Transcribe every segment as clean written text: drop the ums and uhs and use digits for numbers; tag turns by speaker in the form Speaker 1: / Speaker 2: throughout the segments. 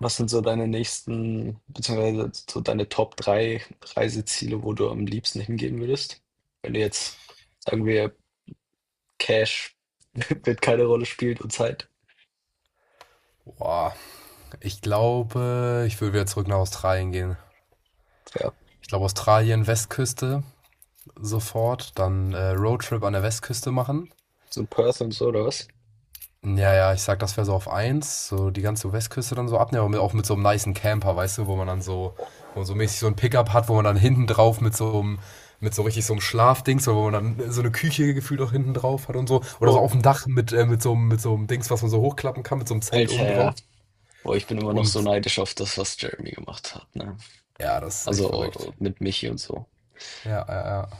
Speaker 1: Was sind so deine nächsten, beziehungsweise so deine Top 3 Reiseziele, wo du am liebsten hingehen würdest? Wenn du jetzt, sagen wir, Cash wird keine Rolle spielt und Zeit.
Speaker 2: Boah, ich glaube, ich würde wieder zurück nach Australien gehen.
Speaker 1: Ja,
Speaker 2: Ich glaube, Australien, Westküste sofort, dann Roadtrip an der Westküste machen.
Speaker 1: so ein Perth und so, oder was?
Speaker 2: Ja, ja, ich sag, das wäre so auf eins, so die ganze Westküste dann so abnehmen, aber mit, auch mit so einem nicen Camper, weißt du, wo man dann so,
Speaker 1: Boah.
Speaker 2: wo man so mäßig so ein Pickup hat, wo man dann hinten drauf mit so einem, mit so richtig so einem Schlafdings, so wo man dann so eine Küche gefühlt auch hinten drauf hat und so, oder so
Speaker 1: Bro,
Speaker 2: auf dem Dach mit so einem Dings, was man so hochklappen kann, mit so einem Zelt oben
Speaker 1: Alter, ja.
Speaker 2: drauf.
Speaker 1: Boah, ich bin immer noch so
Speaker 2: Und
Speaker 1: neidisch auf das, was Jeremy gemacht hat, ne?
Speaker 2: ja, das ist echt
Speaker 1: Also
Speaker 2: verrückt.
Speaker 1: mit Michi und so.
Speaker 2: Ja, ja, ja.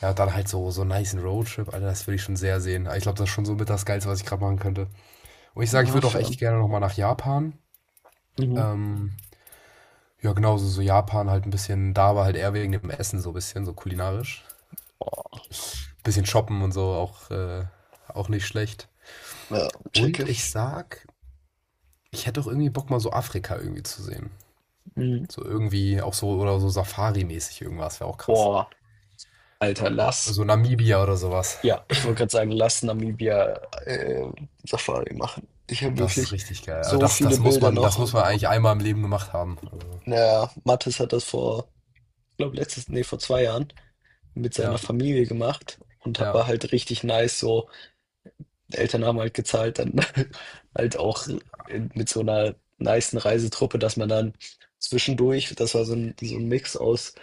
Speaker 2: Ja, und dann halt so, so einen niceen Roadtrip, Alter, das würde ich schon sehr sehen. Ich glaube, das ist schon so mit das Geilste, was ich gerade machen könnte. Und ich sage, ich
Speaker 1: Ah,
Speaker 2: würde auch
Speaker 1: fair.
Speaker 2: echt gerne nochmal nach Japan.
Speaker 1: Mhm.
Speaker 2: Ähm, ja, genauso so so Japan halt ein bisschen, da war halt eher wegen dem Essen so ein bisschen, so kulinarisch.
Speaker 1: Boah,
Speaker 2: Bisschen shoppen und so, auch, auch nicht schlecht.
Speaker 1: ja,
Speaker 2: Und
Speaker 1: checke.
Speaker 2: ich sag, ich hätte auch irgendwie Bock, mal so Afrika irgendwie zu sehen.
Speaker 1: Mhm.
Speaker 2: So irgendwie auch so, oder so Safari-mäßig irgendwas, wäre auch krass.
Speaker 1: Boah, Alter, lass.
Speaker 2: So Namibia oder sowas.
Speaker 1: Ja, ich wollte gerade sagen, lass Namibia äh, Safari machen. Ich habe
Speaker 2: Das ist
Speaker 1: wirklich
Speaker 2: richtig geil. Aber
Speaker 1: so
Speaker 2: das,
Speaker 1: viele Bilder
Speaker 2: das
Speaker 1: noch.
Speaker 2: muss man eigentlich einmal im Leben gemacht haben. Also,
Speaker 1: Naja, Mathis hat das vor, ich glaube letztes, nee, vor zwei Jahren mit seiner
Speaker 2: ja.
Speaker 1: Familie gemacht und war
Speaker 2: Ja.
Speaker 1: halt richtig nice so. Eltern haben halt gezahlt, dann halt auch in, mit so einer nicen Reisetruppe, dass man dann zwischendurch, das war so ein Mix aus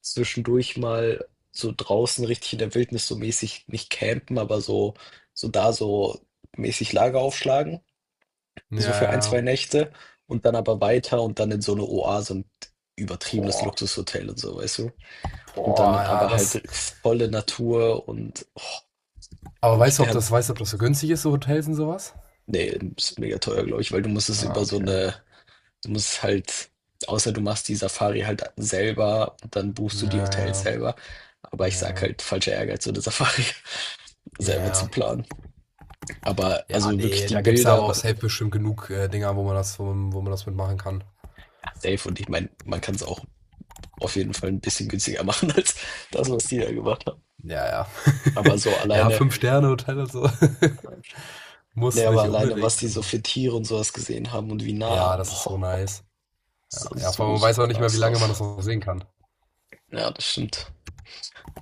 Speaker 1: zwischendurch mal so draußen richtig in der Wildnis so mäßig, nicht campen, aber so, so da so mäßig Lager aufschlagen,
Speaker 2: Ja,
Speaker 1: so für ein, zwei
Speaker 2: ja.
Speaker 1: Nächte und dann aber weiter und dann in so eine Oase und übertriebenes
Speaker 2: Boah.
Speaker 1: Luxushotel und so, weißt du? Und dann
Speaker 2: Boah, ja,
Speaker 1: aber
Speaker 2: das.
Speaker 1: halt volle Natur und oh,
Speaker 2: Aber
Speaker 1: ich,
Speaker 2: weißt du, ob
Speaker 1: der,
Speaker 2: das, weißt du, ob das so günstig ist, so Hotels und sowas?
Speaker 1: nee, ist mega teuer, glaube ich, weil du musst es
Speaker 2: Ah,
Speaker 1: über so
Speaker 2: okay.
Speaker 1: eine, du musst halt, außer du machst die Safari halt selber, dann buchst du die Hotels
Speaker 2: Ja, ja,
Speaker 1: selber. Aber ich sag
Speaker 2: ja.
Speaker 1: halt, falscher Ehrgeiz, so eine Safari selber zu
Speaker 2: Ja,
Speaker 1: planen. Aber
Speaker 2: ja,
Speaker 1: also wirklich
Speaker 2: nee,
Speaker 1: die
Speaker 2: da gibt's ja aber
Speaker 1: Bilder,
Speaker 2: auch safe bestimmt genug Dinger, wo man das, wo, wo man das mitmachen kann.
Speaker 1: ja, safe, und ich meine, man kann es auch auf jeden Fall ein bisschen günstiger machen als das, was die da gemacht haben.
Speaker 2: Ja, ja.
Speaker 1: Aber so
Speaker 2: Ja,
Speaker 1: alleine,
Speaker 2: Fünf-Sterne-Hotel und so.
Speaker 1: nee,
Speaker 2: Muss
Speaker 1: aber
Speaker 2: nicht
Speaker 1: alleine, was
Speaker 2: unbedingt.
Speaker 1: die so
Speaker 2: Aber-
Speaker 1: für Tiere und sowas gesehen haben und wie
Speaker 2: Ja,
Speaker 1: nah,
Speaker 2: das ist so
Speaker 1: boah,
Speaker 2: nice.
Speaker 1: das
Speaker 2: Ja,
Speaker 1: sah
Speaker 2: ja, vor
Speaker 1: so,
Speaker 2: allem man
Speaker 1: so
Speaker 2: weiß auch nicht mehr, wie
Speaker 1: nice
Speaker 2: lange man
Speaker 1: aus.
Speaker 2: das noch sehen kann.
Speaker 1: Ja, das stimmt.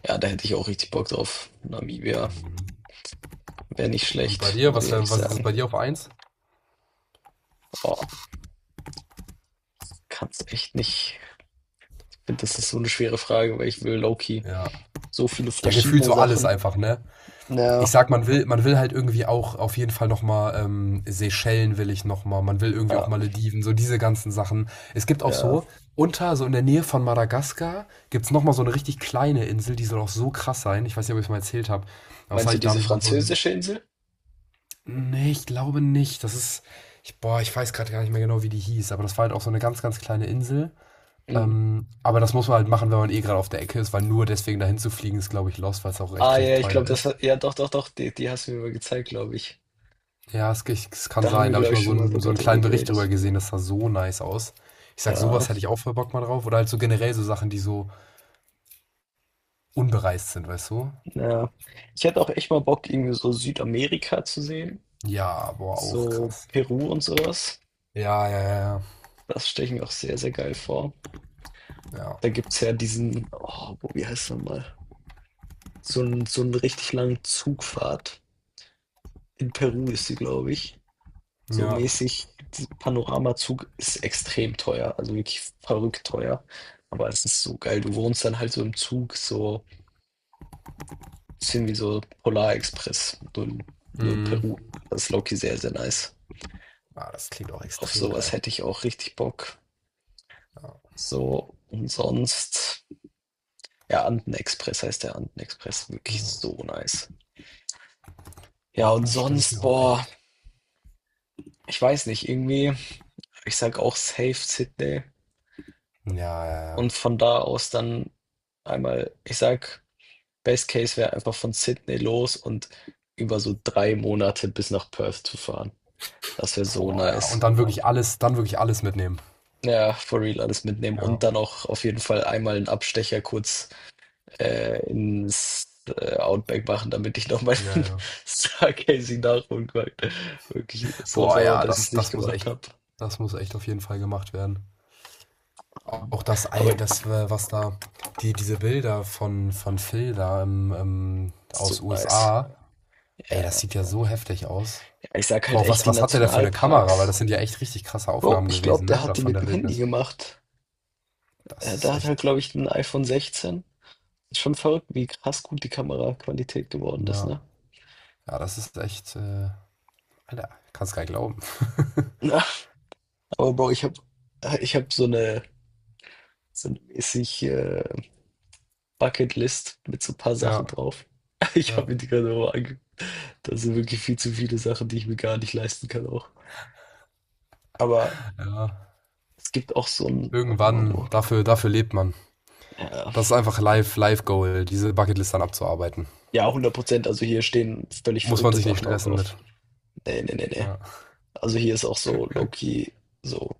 Speaker 1: Ja, da hätte ich auch richtig Bock drauf. Namibia
Speaker 2: Mhm.
Speaker 1: wäre nicht
Speaker 2: Und bei
Speaker 1: schlecht,
Speaker 2: dir,
Speaker 1: muss ich
Speaker 2: was,
Speaker 1: ehrlich
Speaker 2: wär- was ist
Speaker 1: sagen.
Speaker 2: bei dir auf eins?
Speaker 1: Boah, kann's echt nicht. Ich finde, das ist so eine schwere Frage, weil ich will Loki
Speaker 2: Ja.
Speaker 1: so viele
Speaker 2: Ja, gefühlt
Speaker 1: verschiedene
Speaker 2: so alles
Speaker 1: Sachen.
Speaker 2: einfach, ne? Ich
Speaker 1: Na,
Speaker 2: sag, man will halt irgendwie auch auf jeden Fall nochmal Seychellen will ich nochmal, man will irgendwie auch
Speaker 1: ja,
Speaker 2: Malediven, so diese ganzen Sachen. Es gibt auch
Speaker 1: ja.
Speaker 2: so, unter, so in der Nähe von Madagaskar, gibt's noch nochmal so eine richtig kleine Insel, die soll auch so krass sein. Ich weiß nicht, ob ich es mal erzählt habe. Außer
Speaker 1: Meinst du
Speaker 2: ich, da
Speaker 1: diese
Speaker 2: habe ich mal so ein.
Speaker 1: französische Insel?
Speaker 2: Nee, ich glaube nicht. Das ist. Ich, boah, ich weiß gerade gar nicht mehr genau, wie die hieß, aber das war halt auch so eine ganz, ganz kleine Insel.
Speaker 1: Hm.
Speaker 2: Aber das muss man halt machen, wenn man eh gerade auf der Ecke ist, weil nur deswegen dahin zu fliegen ist, glaube ich, lost, weil es auch
Speaker 1: Ah
Speaker 2: recht, recht
Speaker 1: ja, ich glaube,
Speaker 2: teuer
Speaker 1: das
Speaker 2: ist.
Speaker 1: hat, ja doch, doch, doch, die, die hast du mir mal gezeigt, glaube ich.
Speaker 2: Ja, es, ge- es kann
Speaker 1: Da haben
Speaker 2: sein.
Speaker 1: wir,
Speaker 2: Da habe ich
Speaker 1: glaube ich,
Speaker 2: mal
Speaker 1: schon mal
Speaker 2: so
Speaker 1: sogar
Speaker 2: einen
Speaker 1: drüber
Speaker 2: kleinen Bericht
Speaker 1: geredet.
Speaker 2: drüber gesehen. Das sah so nice aus. Ich sag,
Speaker 1: Ja,
Speaker 2: sowas hätte ich auch voll Bock mal drauf. Oder halt so generell so Sachen, die so unbereist sind, weißt du?
Speaker 1: ja. Ich hätte auch echt mal Bock, irgendwie so Südamerika zu sehen.
Speaker 2: Ja, boah, auch
Speaker 1: So
Speaker 2: krass.
Speaker 1: Peru und sowas.
Speaker 2: Ja, ja, ja,
Speaker 1: Das stelle ich mir auch sehr, sehr geil vor.
Speaker 2: ja. Ja.
Speaker 1: Da gibt's ja diesen, oh, wie heißt er mal? So einen richtig langen Zugfahrt. In Peru ist sie, glaube ich. So
Speaker 2: Ja.
Speaker 1: mäßig, dieser Panoramazug ist extrem teuer, also wirklich verrückt teuer. Aber es ist so geil. Du wohnst dann halt so im Zug, so ein bisschen wie so Polarexpress, nur in
Speaker 2: Mhm.
Speaker 1: Peru. Das ist Loki sehr, sehr nice.
Speaker 2: Ah, das klingt auch
Speaker 1: Auf
Speaker 2: extrem
Speaker 1: sowas
Speaker 2: geil.
Speaker 1: hätte ich auch richtig Bock.
Speaker 2: Ja,
Speaker 1: So, und sonst, ja, Andenexpress heißt der Andenexpress, wirklich
Speaker 2: ja.
Speaker 1: so nice. Ja,
Speaker 2: Ja,
Speaker 1: und
Speaker 2: das stelle ich
Speaker 1: sonst,
Speaker 2: mir auch
Speaker 1: boah.
Speaker 2: echt.
Speaker 1: Ich weiß nicht, irgendwie, ich sag auch safe Sydney
Speaker 2: Ja, ja, ja.
Speaker 1: und von da aus dann einmal, ich sag, Best Case wäre einfach von Sydney los und über so drei Monate bis nach Perth zu fahren. Das wäre so
Speaker 2: Boah, ja. Und
Speaker 1: nice.
Speaker 2: dann wirklich alles mitnehmen.
Speaker 1: Ja, for real alles mitnehmen und
Speaker 2: Ja.
Speaker 1: dann auch auf jeden Fall einmal einen Abstecher kurz ins Outback machen, damit ich noch meinen
Speaker 2: Ja, ja.
Speaker 1: Stargazing nachholen kann. Wirklich so
Speaker 2: Boah,
Speaker 1: sauer,
Speaker 2: ja,
Speaker 1: dass ich es
Speaker 2: das,
Speaker 1: nicht gemacht habe.
Speaker 2: das muss echt auf jeden Fall gemacht werden. Auch das,
Speaker 1: Aber
Speaker 2: all das, was da, die, diese Bilder von Phil da im,
Speaker 1: so
Speaker 2: aus
Speaker 1: nice.
Speaker 2: USA,
Speaker 1: Ja.
Speaker 2: ey, das sieht ja so heftig aus.
Speaker 1: Ich sag halt
Speaker 2: Boah,
Speaker 1: echt,
Speaker 2: was,
Speaker 1: die
Speaker 2: was hat der da für eine Kamera? Weil
Speaker 1: Nationalparks.
Speaker 2: das sind ja echt richtig krasse
Speaker 1: Bro,
Speaker 2: Aufnahmen
Speaker 1: ich glaube,
Speaker 2: gewesen,
Speaker 1: der
Speaker 2: ne?
Speaker 1: hat
Speaker 2: Da
Speaker 1: die
Speaker 2: von
Speaker 1: mit
Speaker 2: der
Speaker 1: dem Handy
Speaker 2: Wildnis.
Speaker 1: gemacht.
Speaker 2: Das ist
Speaker 1: Der hat
Speaker 2: echt,
Speaker 1: halt, glaube ich, ein iPhone 16. Ist schon verrückt, wie krass gut die Kameraqualität geworden ist,
Speaker 2: ja.
Speaker 1: ne?
Speaker 2: Ja, das ist echt, Alter, kannst gar nicht glauben.
Speaker 1: Ja. Aber Bro, ich hab so eine mäßig Bucketlist mit so ein paar Sachen
Speaker 2: Ja,
Speaker 1: drauf. Ich
Speaker 2: ja,
Speaker 1: habe mir die gerade auch angeguckt. Da sind wirklich viel zu viele Sachen, die ich mir gar nicht leisten kann auch. Aber
Speaker 2: ja.
Speaker 1: es gibt auch so ein, warte mal,
Speaker 2: Irgendwann,
Speaker 1: wo?
Speaker 2: dafür, dafür lebt man.
Speaker 1: Ja,
Speaker 2: Das ist einfach live, live Goal, diese Bucketlist dann abzuarbeiten.
Speaker 1: ja, 100%. Also hier stehen völlig
Speaker 2: Muss man
Speaker 1: verrückte
Speaker 2: sich nicht
Speaker 1: Sachen auch
Speaker 2: stressen
Speaker 1: drauf.
Speaker 2: mit.
Speaker 1: Nee, nee, nee, nee.
Speaker 2: Ja.
Speaker 1: Also hier ist auch so low-key, so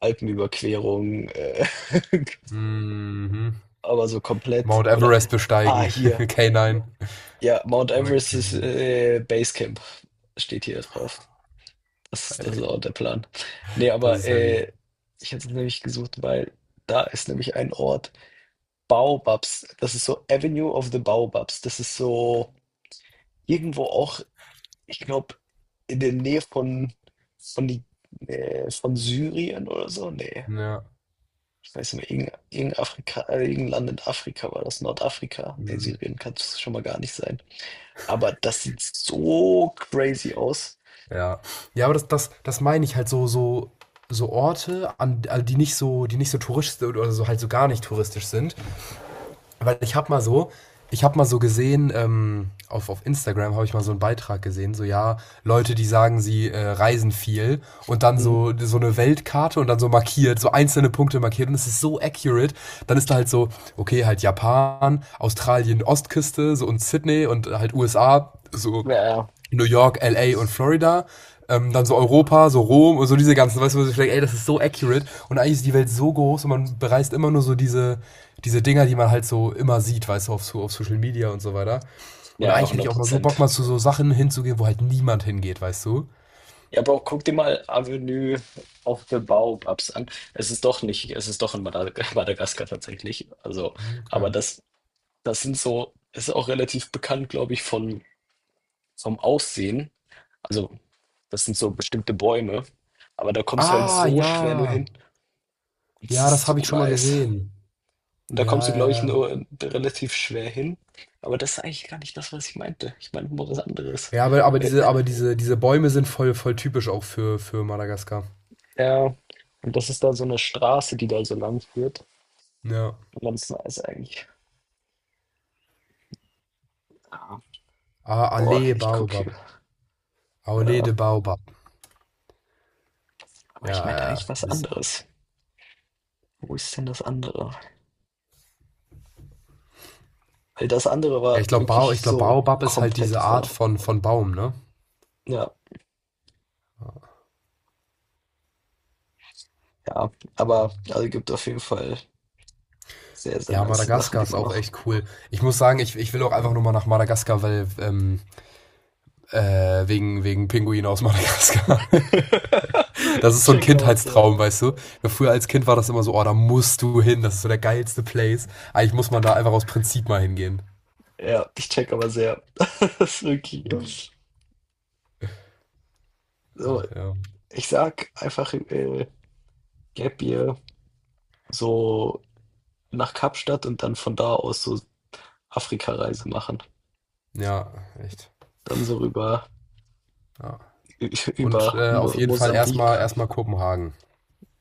Speaker 1: Alpenüberquerung,
Speaker 2: Mhm.
Speaker 1: aber so komplett
Speaker 2: Mount
Speaker 1: oder
Speaker 2: Everest
Speaker 1: ah,
Speaker 2: besteigen.
Speaker 1: hier.
Speaker 2: K9.
Speaker 1: Ja, Mount
Speaker 2: Oder
Speaker 1: Everest
Speaker 2: K.
Speaker 1: ist Basecamp, steht hier drauf. Das ist auch der Plan. Nee,
Speaker 2: Das
Speaker 1: aber
Speaker 2: ist heavy.
Speaker 1: ich hätte es nämlich gesucht, weil da ist nämlich ein Ort, Baobabs. Das ist so Avenue of the Baobabs. Das ist so irgendwo auch, ich glaube, in der Nähe von von Syrien oder so. Nee.
Speaker 2: Ja.
Speaker 1: Ich weiß nicht mehr, irgendein, irgendein, Afrika, irgendein Land in Afrika war das, Nordafrika. Nee,
Speaker 2: Mhm.
Speaker 1: Syrien kann es schon mal gar nicht sein. Aber das sieht so crazy aus.
Speaker 2: Ja. Ja, aber das, das, das meine ich halt so, so, so Orte, an, also die nicht so touristisch oder so halt so gar nicht touristisch sind. Weil ich habe mal so, ich habe mal so gesehen, auf Instagram habe ich mal so einen Beitrag gesehen, so ja, Leute, die sagen, sie reisen viel und dann
Speaker 1: Hm.
Speaker 2: so, so eine Weltkarte und dann so markiert, so einzelne Punkte markiert und es ist so accurate. Dann ist da halt so, okay, halt Japan, Australien, Ostküste so und Sydney und halt USA, so
Speaker 1: Ja,
Speaker 2: New York, LA und Florida. Dann so Europa, so Rom und so diese ganzen, weißt du, wo ich denke, ey, das ist so accurate. Und eigentlich ist die Welt so groß und man bereist immer nur so diese, diese Dinger, die man halt so immer sieht, weißt du, auf, so- auf Social Media und so weiter. Und
Speaker 1: ja, ja,
Speaker 2: eigentlich hätte
Speaker 1: 100
Speaker 2: ich auch mal so Bock,
Speaker 1: Prozent.
Speaker 2: mal zu so Sachen hinzugehen, wo halt niemand hingeht, weißt du?
Speaker 1: Ja, aber auch guck dir mal Avenue of the Baobabs an. Es ist doch nicht, es ist doch in Madag Madagaskar tatsächlich. Also,
Speaker 2: Hm,
Speaker 1: aber
Speaker 2: okay.
Speaker 1: das, das sind so, es ist auch relativ bekannt, glaube ich, von, vom Aussehen. Also, das sind so bestimmte Bäume. Aber da kommst du halt
Speaker 2: Ah,
Speaker 1: so
Speaker 2: ja.
Speaker 1: schwer nur hin. Das
Speaker 2: Ja,
Speaker 1: ist
Speaker 2: das habe
Speaker 1: so
Speaker 2: ich schon mal
Speaker 1: nice.
Speaker 2: gesehen.
Speaker 1: Und da kommst
Speaker 2: Ja,
Speaker 1: du,
Speaker 2: ja,
Speaker 1: glaube ich,
Speaker 2: ja.
Speaker 1: nur relativ schwer hin. Aber das ist eigentlich gar nicht das, was ich meinte. Ich meine nur was anderes.
Speaker 2: Ja,
Speaker 1: Weil,
Speaker 2: aber diese, diese Bäume sind voll, voll typisch auch für Madagaskar.
Speaker 1: ja, und das ist da so eine Straße, die da so lang führt.
Speaker 2: Ja.
Speaker 1: Ganz nice eigentlich. Ah,
Speaker 2: Ah,
Speaker 1: boah,
Speaker 2: Allee
Speaker 1: ich gucke.
Speaker 2: Baobab.
Speaker 1: Hier.
Speaker 2: Allee
Speaker 1: Ja,
Speaker 2: de Baobab.
Speaker 1: aber ich
Speaker 2: Ja,
Speaker 1: meinte eigentlich
Speaker 2: ja.
Speaker 1: was
Speaker 2: Das ist,
Speaker 1: anderes. Wo ist denn das andere? Weil das andere
Speaker 2: ja
Speaker 1: war
Speaker 2: ich glaube, Bao,
Speaker 1: wirklich
Speaker 2: ich glaub,
Speaker 1: so
Speaker 2: Baobab ist halt
Speaker 1: komplette
Speaker 2: diese Art
Speaker 1: Falle.
Speaker 2: von Baum, ne?
Speaker 1: Ja, ja. Aber also gibt auf jeden Fall sehr, sehr
Speaker 2: Ja,
Speaker 1: nice Sachen,
Speaker 2: Madagaskar
Speaker 1: die
Speaker 2: ist
Speaker 1: man
Speaker 2: auch
Speaker 1: noch
Speaker 2: echt cool. Ich muss sagen, ich will auch einfach nur mal nach Madagaskar, weil wegen, wegen Pinguin aus Madagaskar. Das ist so ein
Speaker 1: check out. Ja.
Speaker 2: Kindheitstraum, weißt du? Ja, früher als Kind war das immer so, oh, da musst du hin, das ist so der geilste Place. Eigentlich muss man da einfach aus Prinzip mal hingehen.
Speaker 1: Ja, ich check aber sehr. Das ist
Speaker 2: Ja,
Speaker 1: wirklich. So,
Speaker 2: ach, ja.
Speaker 1: ich sag einfach Gap Year so nach Kapstadt und dann von da aus so Afrika-Reise machen.
Speaker 2: Ja echt.
Speaker 1: Dann so rüber
Speaker 2: Ja. Und
Speaker 1: über
Speaker 2: auf
Speaker 1: Mo
Speaker 2: jeden Fall erstmal
Speaker 1: Mosambik.
Speaker 2: erstmal Kopenhagen.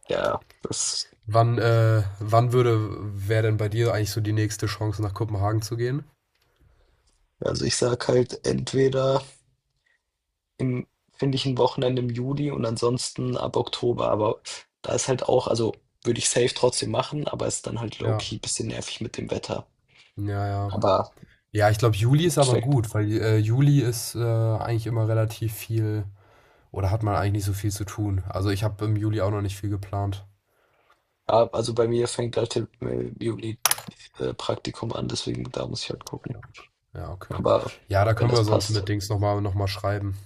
Speaker 1: Ja, das.
Speaker 2: Wann, wann würde, wäre denn bei dir eigentlich so die nächste Chance, nach Kopenhagen zu gehen?
Speaker 1: Also ich sag halt entweder im, finde ich ein Wochenende im Juli und ansonsten ab Oktober. Aber da ist halt auch, also würde ich safe trotzdem machen, aber ist dann halt
Speaker 2: Ja.
Speaker 1: low-key bisschen nervig mit dem Wetter.
Speaker 2: Ja, ja.
Speaker 1: Aber
Speaker 2: Ja, ich glaube, Juli
Speaker 1: im
Speaker 2: ist aber
Speaker 1: Endeffekt.
Speaker 2: gut, weil Juli ist eigentlich immer relativ viel oder hat man eigentlich nicht so viel zu tun. Also ich habe im Juli auch noch nicht viel geplant.
Speaker 1: Ja, also bei mir fängt halt im Juli Praktikum an, deswegen da muss ich halt gucken.
Speaker 2: Ja, okay.
Speaker 1: Aber
Speaker 2: Ja, da
Speaker 1: wenn
Speaker 2: können
Speaker 1: das
Speaker 2: wir sonst
Speaker 1: passt,
Speaker 2: mit Dings nochmal noch mal schreiben.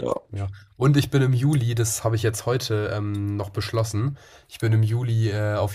Speaker 1: ja.
Speaker 2: Ja. Und ich bin im Juli, das habe ich jetzt heute noch beschlossen, ich bin im Juli auf